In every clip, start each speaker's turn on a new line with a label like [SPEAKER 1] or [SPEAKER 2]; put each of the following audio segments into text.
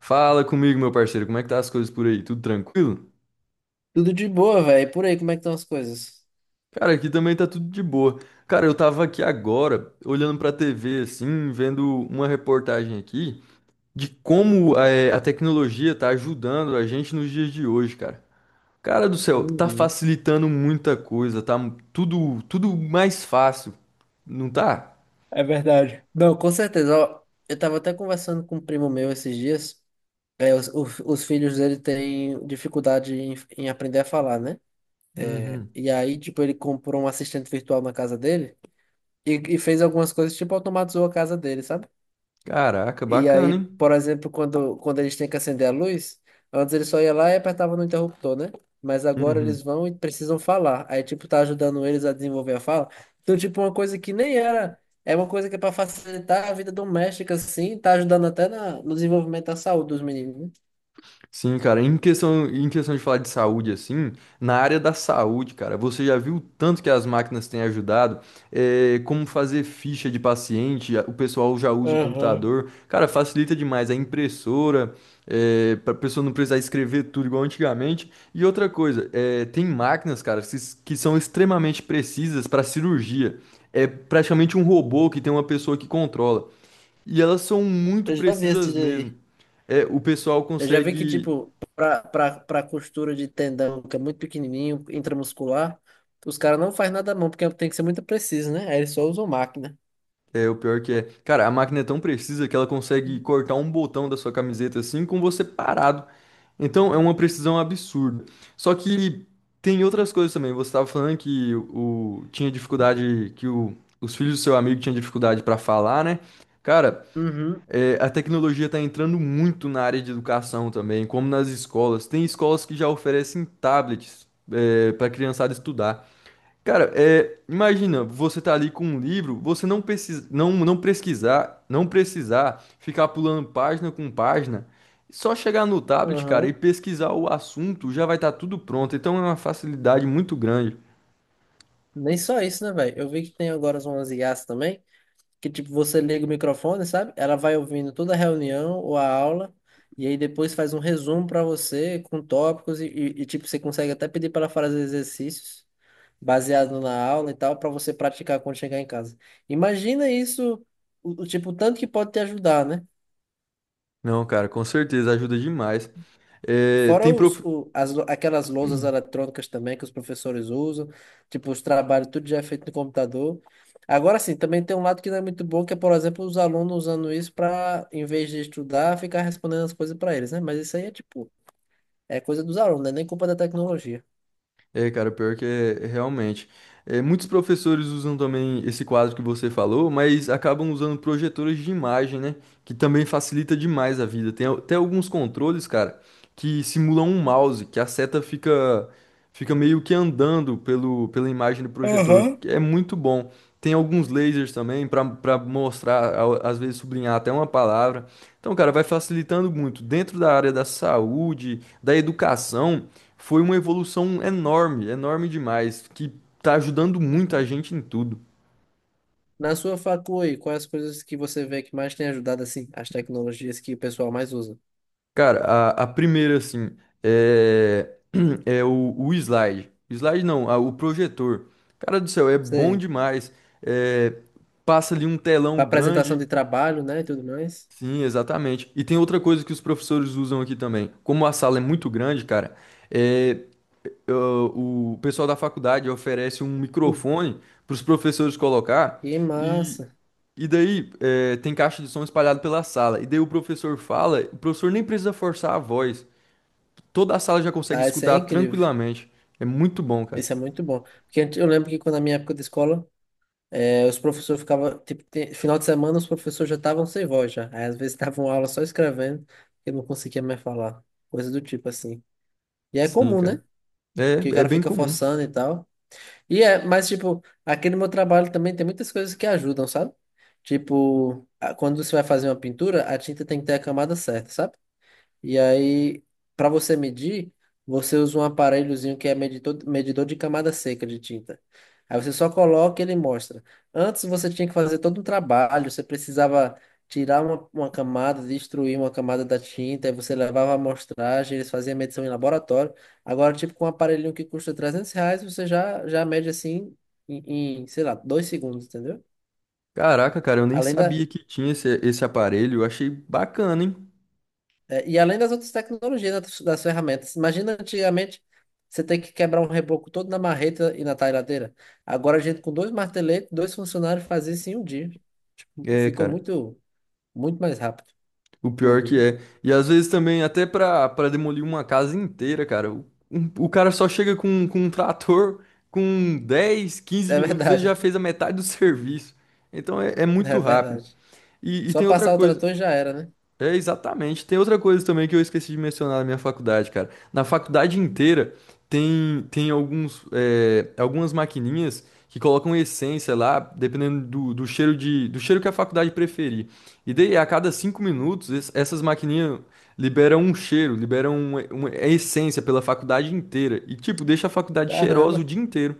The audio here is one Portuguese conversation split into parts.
[SPEAKER 1] Fala comigo, meu parceiro, como é que tá as coisas por aí? Tudo tranquilo?
[SPEAKER 2] Tudo de boa, velho. Por aí, como é que estão as coisas?
[SPEAKER 1] Cara, aqui também tá tudo de boa. Cara, eu tava aqui agora, olhando pra TV, assim, vendo uma reportagem aqui de como a tecnologia tá ajudando a gente nos dias de hoje, cara. Cara do céu, tá
[SPEAKER 2] Uhum.
[SPEAKER 1] facilitando muita coisa, tá tudo mais fácil, não tá?
[SPEAKER 2] É verdade. Não, com certeza. Ó, eu tava até conversando com um primo meu esses dias. É, os filhos dele têm dificuldade em aprender a falar, né?
[SPEAKER 1] Uhum.
[SPEAKER 2] E aí, tipo, ele comprou um assistente virtual na casa dele e fez algumas coisas, tipo, automatizou a casa dele, sabe?
[SPEAKER 1] Caraca,
[SPEAKER 2] E
[SPEAKER 1] bacana,
[SPEAKER 2] aí,
[SPEAKER 1] hein?
[SPEAKER 2] por exemplo, quando eles têm que acender a luz, antes eles só ia lá e apertava no interruptor, né? Mas agora eles
[SPEAKER 1] Uhum.
[SPEAKER 2] vão e precisam falar. Aí, tipo, tá ajudando eles a desenvolver a fala. Então, tipo, uma coisa que nem era. É uma coisa que é pra facilitar a vida doméstica, assim, tá ajudando até na, no desenvolvimento da saúde dos meninos, né?
[SPEAKER 1] Sim, cara, em questão de falar de saúde, assim, na área da saúde, cara, você já viu o tanto que as máquinas têm ajudado? É, como fazer ficha de paciente, o pessoal já usa o
[SPEAKER 2] Aham.
[SPEAKER 1] computador. Cara, facilita demais a impressora, é, para pessoa não precisar escrever tudo igual antigamente. E outra coisa, é, tem máquinas, cara, que são extremamente precisas para cirurgia. É praticamente um robô que tem uma pessoa que controla. E elas são muito
[SPEAKER 2] Eu já vi esse
[SPEAKER 1] precisas mesmo.
[SPEAKER 2] daí.
[SPEAKER 1] É, o pessoal
[SPEAKER 2] Eu já vi que,
[SPEAKER 1] consegue.
[SPEAKER 2] tipo, pra costura de tendão, que é muito pequenininho, intramuscular, os caras não fazem nada à mão, porque tem que ser muito preciso, né? Aí eles só usam máquina.
[SPEAKER 1] É, o pior que é. Cara, a máquina é tão precisa que ela consegue cortar um botão da sua camiseta assim com você parado. Então é uma precisão absurda. Só que tem outras coisas também. Você estava falando que o, tinha dificuldade, que o, os filhos do seu amigo tinham dificuldade para falar, né? Cara,
[SPEAKER 2] Uhum.
[SPEAKER 1] é, a tecnologia está entrando muito na área de educação também, como nas escolas. Tem escolas que já oferecem tablets, para a criançada estudar. Cara, é, imagina, você tá ali com um livro, você não precisa, não pesquisar, não precisar ficar pulando página com página, só chegar no tablet, cara, e
[SPEAKER 2] Aham.
[SPEAKER 1] pesquisar o assunto, já vai estar tudo pronto. Então é uma facilidade muito grande.
[SPEAKER 2] Nem só isso, né, velho? Eu vi que tem agora umas IAs também, que tipo, você liga o microfone, sabe? Ela vai ouvindo toda a reunião ou a aula, e aí depois faz um resumo pra você com tópicos, e, tipo, você consegue até pedir para ela fazer exercícios baseado na aula e tal, pra você praticar quando chegar em casa. Imagina isso, o tanto que pode te ajudar, né?
[SPEAKER 1] Não, cara, com certeza ajuda demais. É,
[SPEAKER 2] Fora
[SPEAKER 1] tem
[SPEAKER 2] os,
[SPEAKER 1] prof...
[SPEAKER 2] o, as, lou- aquelas lousas eletrônicas também que os professores usam, tipo, os trabalhos, tudo já é feito no computador. Agora sim, também tem um lado que não é muito bom, que é, por exemplo, os alunos usando isso para, em vez de estudar, ficar respondendo as coisas para eles, né? Mas isso aí é tipo, é coisa dos alunos, né? Nem culpa da tecnologia.
[SPEAKER 1] É, cara, pior que é, é realmente. É, muitos professores usam também esse quadro que você falou, mas acabam usando projetores de imagem, né? Que também facilita demais a vida. Tem até alguns controles, cara, que simulam um mouse, que a seta fica, fica meio que andando pela imagem do projetor.
[SPEAKER 2] Aham.
[SPEAKER 1] Que É muito bom. Tem alguns lasers também para mostrar, às vezes sublinhar até uma palavra. Então, cara, vai facilitando muito. Dentro da área da saúde, da educação. Foi uma evolução enorme demais, que tá ajudando muito a gente em tudo.
[SPEAKER 2] Na sua aí, quais as coisas que você vê que mais tem ajudado, assim, as tecnologias que o pessoal mais usa?
[SPEAKER 1] Cara, a primeira, assim, é, o slide. Slide não, a- O projetor. Cara do céu, é bom
[SPEAKER 2] Sei,
[SPEAKER 1] demais. É, passa ali um telão
[SPEAKER 2] para apresentação
[SPEAKER 1] grande.
[SPEAKER 2] de trabalho, né, e tudo mais.
[SPEAKER 1] Sim, exatamente. E tem outra coisa que os professores usam aqui também. Como a sala é muito grande, cara, é, eu- o pessoal da faculdade oferece um
[SPEAKER 2] Hum.
[SPEAKER 1] microfone para os professores colocar
[SPEAKER 2] Que
[SPEAKER 1] e,
[SPEAKER 2] massa.
[SPEAKER 1] e daí é, tem caixa de som espalhado pela sala. E daí o professor fala, o professor nem precisa forçar a voz. Toda a sala já consegue
[SPEAKER 2] Ah, isso é
[SPEAKER 1] escutar
[SPEAKER 2] incrível.
[SPEAKER 1] tranquilamente. É muito bom, cara.
[SPEAKER 2] Isso é muito bom. Porque eu lembro que quando na minha época de escola, os professores ficavam, tipo, final de semana os professores já estavam sem voz já. Aí às vezes estavam aula só escrevendo, porque não conseguia mais falar. Coisa do tipo assim. E é
[SPEAKER 1] Sim,
[SPEAKER 2] comum, né?
[SPEAKER 1] cara. É,
[SPEAKER 2] Que o
[SPEAKER 1] é
[SPEAKER 2] cara
[SPEAKER 1] bem
[SPEAKER 2] fica
[SPEAKER 1] comum.
[SPEAKER 2] forçando e tal. E é, mas tipo, aqui no meu trabalho também tem muitas coisas que ajudam, sabe? Tipo, quando você vai fazer uma pintura, a tinta tem que ter a camada certa, sabe? E aí, para você medir, você usa um aparelhozinho que é medidor, medidor de camada seca de tinta. Aí você só coloca e ele mostra. Antes você tinha que fazer todo um trabalho, você precisava tirar uma camada, destruir uma camada da tinta, aí você levava a amostragem, eles faziam a medição em laboratório. Agora, tipo, com um aparelhinho que custa R$ 300, você já, já mede assim em, em, sei lá, 2 segundos, entendeu?
[SPEAKER 1] Caraca, cara, eu nem
[SPEAKER 2] Além da,
[SPEAKER 1] sabia que tinha esse aparelho. Eu achei bacana, hein?
[SPEAKER 2] É, e além das outras tecnologias, das ferramentas. Imagina antigamente você ter que quebrar um reboco todo na marreta e na talhadeira. Agora a gente com dois marteletes, dois funcionários fazia isso em um dia.
[SPEAKER 1] É,
[SPEAKER 2] Ficou
[SPEAKER 1] cara.
[SPEAKER 2] muito, muito mais rápido.
[SPEAKER 1] O pior que
[SPEAKER 2] Tudo,
[SPEAKER 1] é. E às vezes também, até pra demolir uma casa inteira, cara, o cara só chega com um trator, com dez quinze
[SPEAKER 2] né? É
[SPEAKER 1] minutos ele já
[SPEAKER 2] verdade.
[SPEAKER 1] fez a metade do serviço. Então é, é
[SPEAKER 2] É
[SPEAKER 1] muito rápido.
[SPEAKER 2] verdade.
[SPEAKER 1] E
[SPEAKER 2] Só
[SPEAKER 1] tem outra
[SPEAKER 2] passar o
[SPEAKER 1] coisa,
[SPEAKER 2] trator e já era, né?
[SPEAKER 1] é, exatamente. Tem outra coisa também que eu esqueci de mencionar na minha faculdade, cara. Na faculdade inteira tem alguns, é, algumas maquininhas que colocam essência lá, dependendo do cheiro do cheiro que a faculdade preferir. E daí, a cada 5 minutos, essas maquininhas liberam um cheiro, liberam uma essência pela faculdade inteira. E, tipo, deixa a faculdade cheirosa o
[SPEAKER 2] Caramba.
[SPEAKER 1] dia inteiro.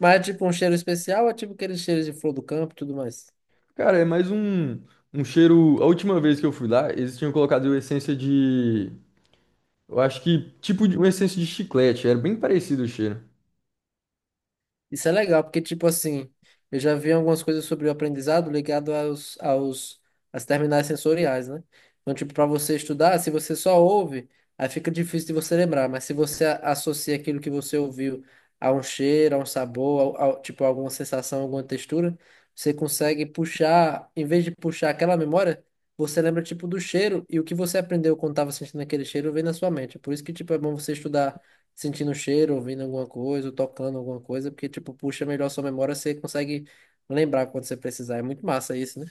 [SPEAKER 2] Mas é tipo um cheiro especial, ou é tipo aqueles cheiros de flor do campo e tudo mais.
[SPEAKER 1] Cara, é mais um cheiro. A última vez que eu fui lá, eles tinham colocado essência. Eu acho que, tipo, de- Uma essência de chiclete, era bem parecido o cheiro.
[SPEAKER 2] Isso é legal, porque, tipo assim, eu já vi algumas coisas sobre o aprendizado ligado às terminais sensoriais, né? Então, tipo, para você estudar, se você só ouve, aí fica difícil de você lembrar, mas se você associa aquilo que você ouviu a um cheiro, a um sabor, a, tipo, alguma sensação, alguma textura, você consegue puxar, em vez de puxar aquela memória, você lembra, tipo, do cheiro e o que você aprendeu quando estava sentindo aquele cheiro vem na sua mente. É por isso que, tipo, é bom você estudar sentindo o cheiro, ouvindo alguma coisa, ou tocando alguma coisa, porque, tipo, puxa melhor sua memória, você consegue lembrar quando você precisar. É muito massa isso, né?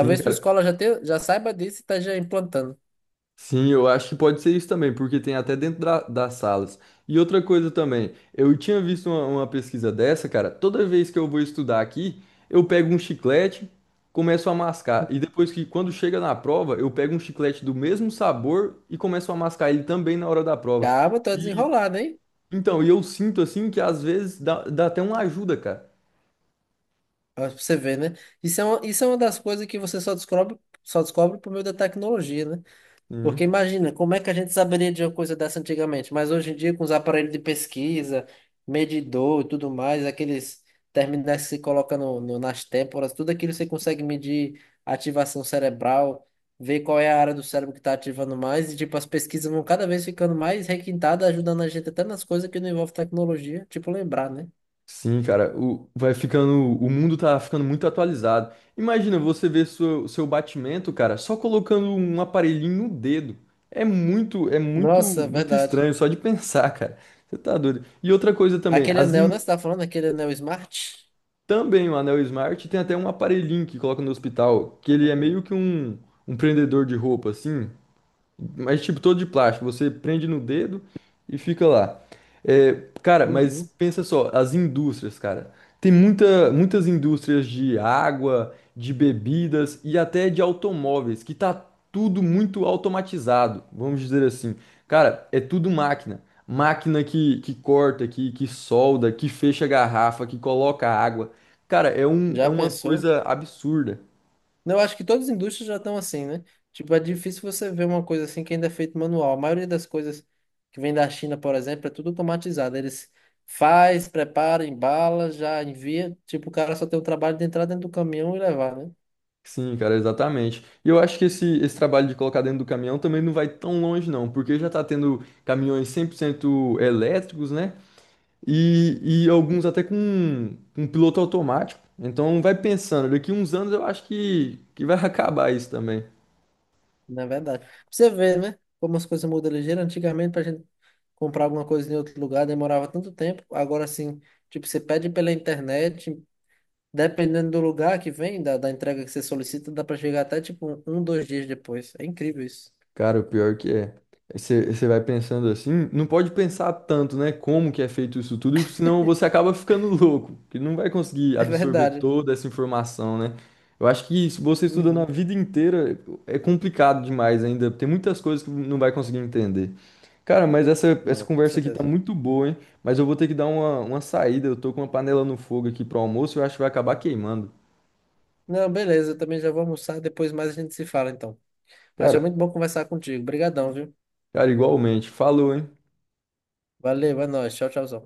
[SPEAKER 1] Sim,
[SPEAKER 2] sua
[SPEAKER 1] cara.
[SPEAKER 2] escola já saiba disso e está já implantando.
[SPEAKER 1] Sim, eu acho que pode ser isso também, porque tem até dentro das salas. E outra coisa também, eu tinha visto uma pesquisa dessa, cara. Toda vez que eu vou estudar aqui, eu pego um chiclete, começo a mascar. E quando chega na prova, eu pego um chiclete do mesmo sabor e começo a mascar ele também na hora da prova.
[SPEAKER 2] Calma, tá
[SPEAKER 1] E,
[SPEAKER 2] desenrolado, hein?
[SPEAKER 1] eu sinto, assim, que às vezes dá até uma ajuda, cara.
[SPEAKER 2] Ó, pra você ver, né? Isso é uma das coisas que você só descobre por meio da tecnologia, né? Porque
[SPEAKER 1] Uhum.
[SPEAKER 2] imagina, como é que a gente saberia de uma coisa dessa antigamente? Mas hoje em dia, com os aparelhos de pesquisa, medidor e tudo mais, aqueles terminais que se coloca nas têmporas, tudo aquilo você consegue medir a ativação cerebral, ver qual é a área do cérebro que está ativando mais, e tipo, as pesquisas vão cada vez ficando mais requintadas, ajudando a gente até nas coisas que não envolvem tecnologia, tipo lembrar, né?
[SPEAKER 1] Sim, cara, o, vai ficando, o mundo tá ficando muito atualizado. Imagina você ver seu batimento, cara, só colocando um aparelhinho no dedo.
[SPEAKER 2] Nossa,
[SPEAKER 1] Muito
[SPEAKER 2] verdade.
[SPEAKER 1] estranho só de pensar, cara. Você tá doido. E outra coisa também,
[SPEAKER 2] Aquele anel, né? Você tá falando aquele anel Smart?
[SPEAKER 1] também o Anel Smart tem até um aparelhinho que coloca no hospital, que
[SPEAKER 2] Tá
[SPEAKER 1] ele é
[SPEAKER 2] contando.
[SPEAKER 1] meio que um prendedor de roupa, assim. Mas, tipo, todo de plástico. Você prende no dedo e fica lá. É, cara,
[SPEAKER 2] Uhum.
[SPEAKER 1] mas pensa só, as indústrias, cara. Tem muitas indústrias de água, de bebidas e até de automóveis, que tá tudo muito automatizado, vamos dizer assim. Cara, é tudo máquina. Máquina que corta, que solda, que fecha a garrafa, que coloca água. Cara, é
[SPEAKER 2] Já
[SPEAKER 1] uma
[SPEAKER 2] pensou?
[SPEAKER 1] coisa absurda.
[SPEAKER 2] Eu acho que todas as indústrias já estão assim, né? Tipo, é difícil você ver uma coisa assim que ainda é feito manual. A maioria das coisas que vem da China, por exemplo, é tudo automatizado. Eles faz, prepara, embala, já envia. Tipo, o cara só tem o trabalho de entrar dentro do caminhão e levar, né?
[SPEAKER 1] Sim, cara, exatamente. E eu acho que esse trabalho de colocar dentro do caminhão também não vai tão longe, não, porque já tá tendo caminhões 100% elétricos, né? E alguns até com um piloto automático. Então vai pensando, daqui uns anos eu acho que vai acabar isso também.
[SPEAKER 2] Na verdade. Pra você vê, né? Como as coisas mudam ligeiro. Antigamente, pra gente comprar alguma coisa em outro lugar, demorava tanto tempo. Agora, assim, tipo, você pede pela internet, dependendo do lugar que vem, da entrega que você solicita, dá pra chegar até, tipo, um, 2 dias depois. É incrível isso.
[SPEAKER 1] Cara, o pior que é. Aí você vai pensando assim, não pode pensar tanto, né? Como que é feito isso tudo, senão você acaba ficando louco, que não vai conseguir
[SPEAKER 2] É
[SPEAKER 1] absorver
[SPEAKER 2] verdade.
[SPEAKER 1] toda essa informação, né? Eu acho que se você estudando a
[SPEAKER 2] Uhum.
[SPEAKER 1] vida inteira, é complicado demais ainda. Tem muitas coisas que não vai conseguir entender. Cara, mas essa
[SPEAKER 2] Não, com
[SPEAKER 1] conversa aqui tá
[SPEAKER 2] certeza.
[SPEAKER 1] muito boa, hein? Mas eu vou ter que dar uma saída. Eu tô com uma panela no fogo aqui pro almoço, e eu acho que vai acabar queimando.
[SPEAKER 2] Não, beleza, eu também já vou almoçar, depois mais a gente se fala então. Mas foi
[SPEAKER 1] Cara,
[SPEAKER 2] muito bom conversar contigo. Obrigadão, viu?
[SPEAKER 1] Cara, igualmente. Falou, hein?
[SPEAKER 2] Valeu, é nóis. Tchau, tchauzão.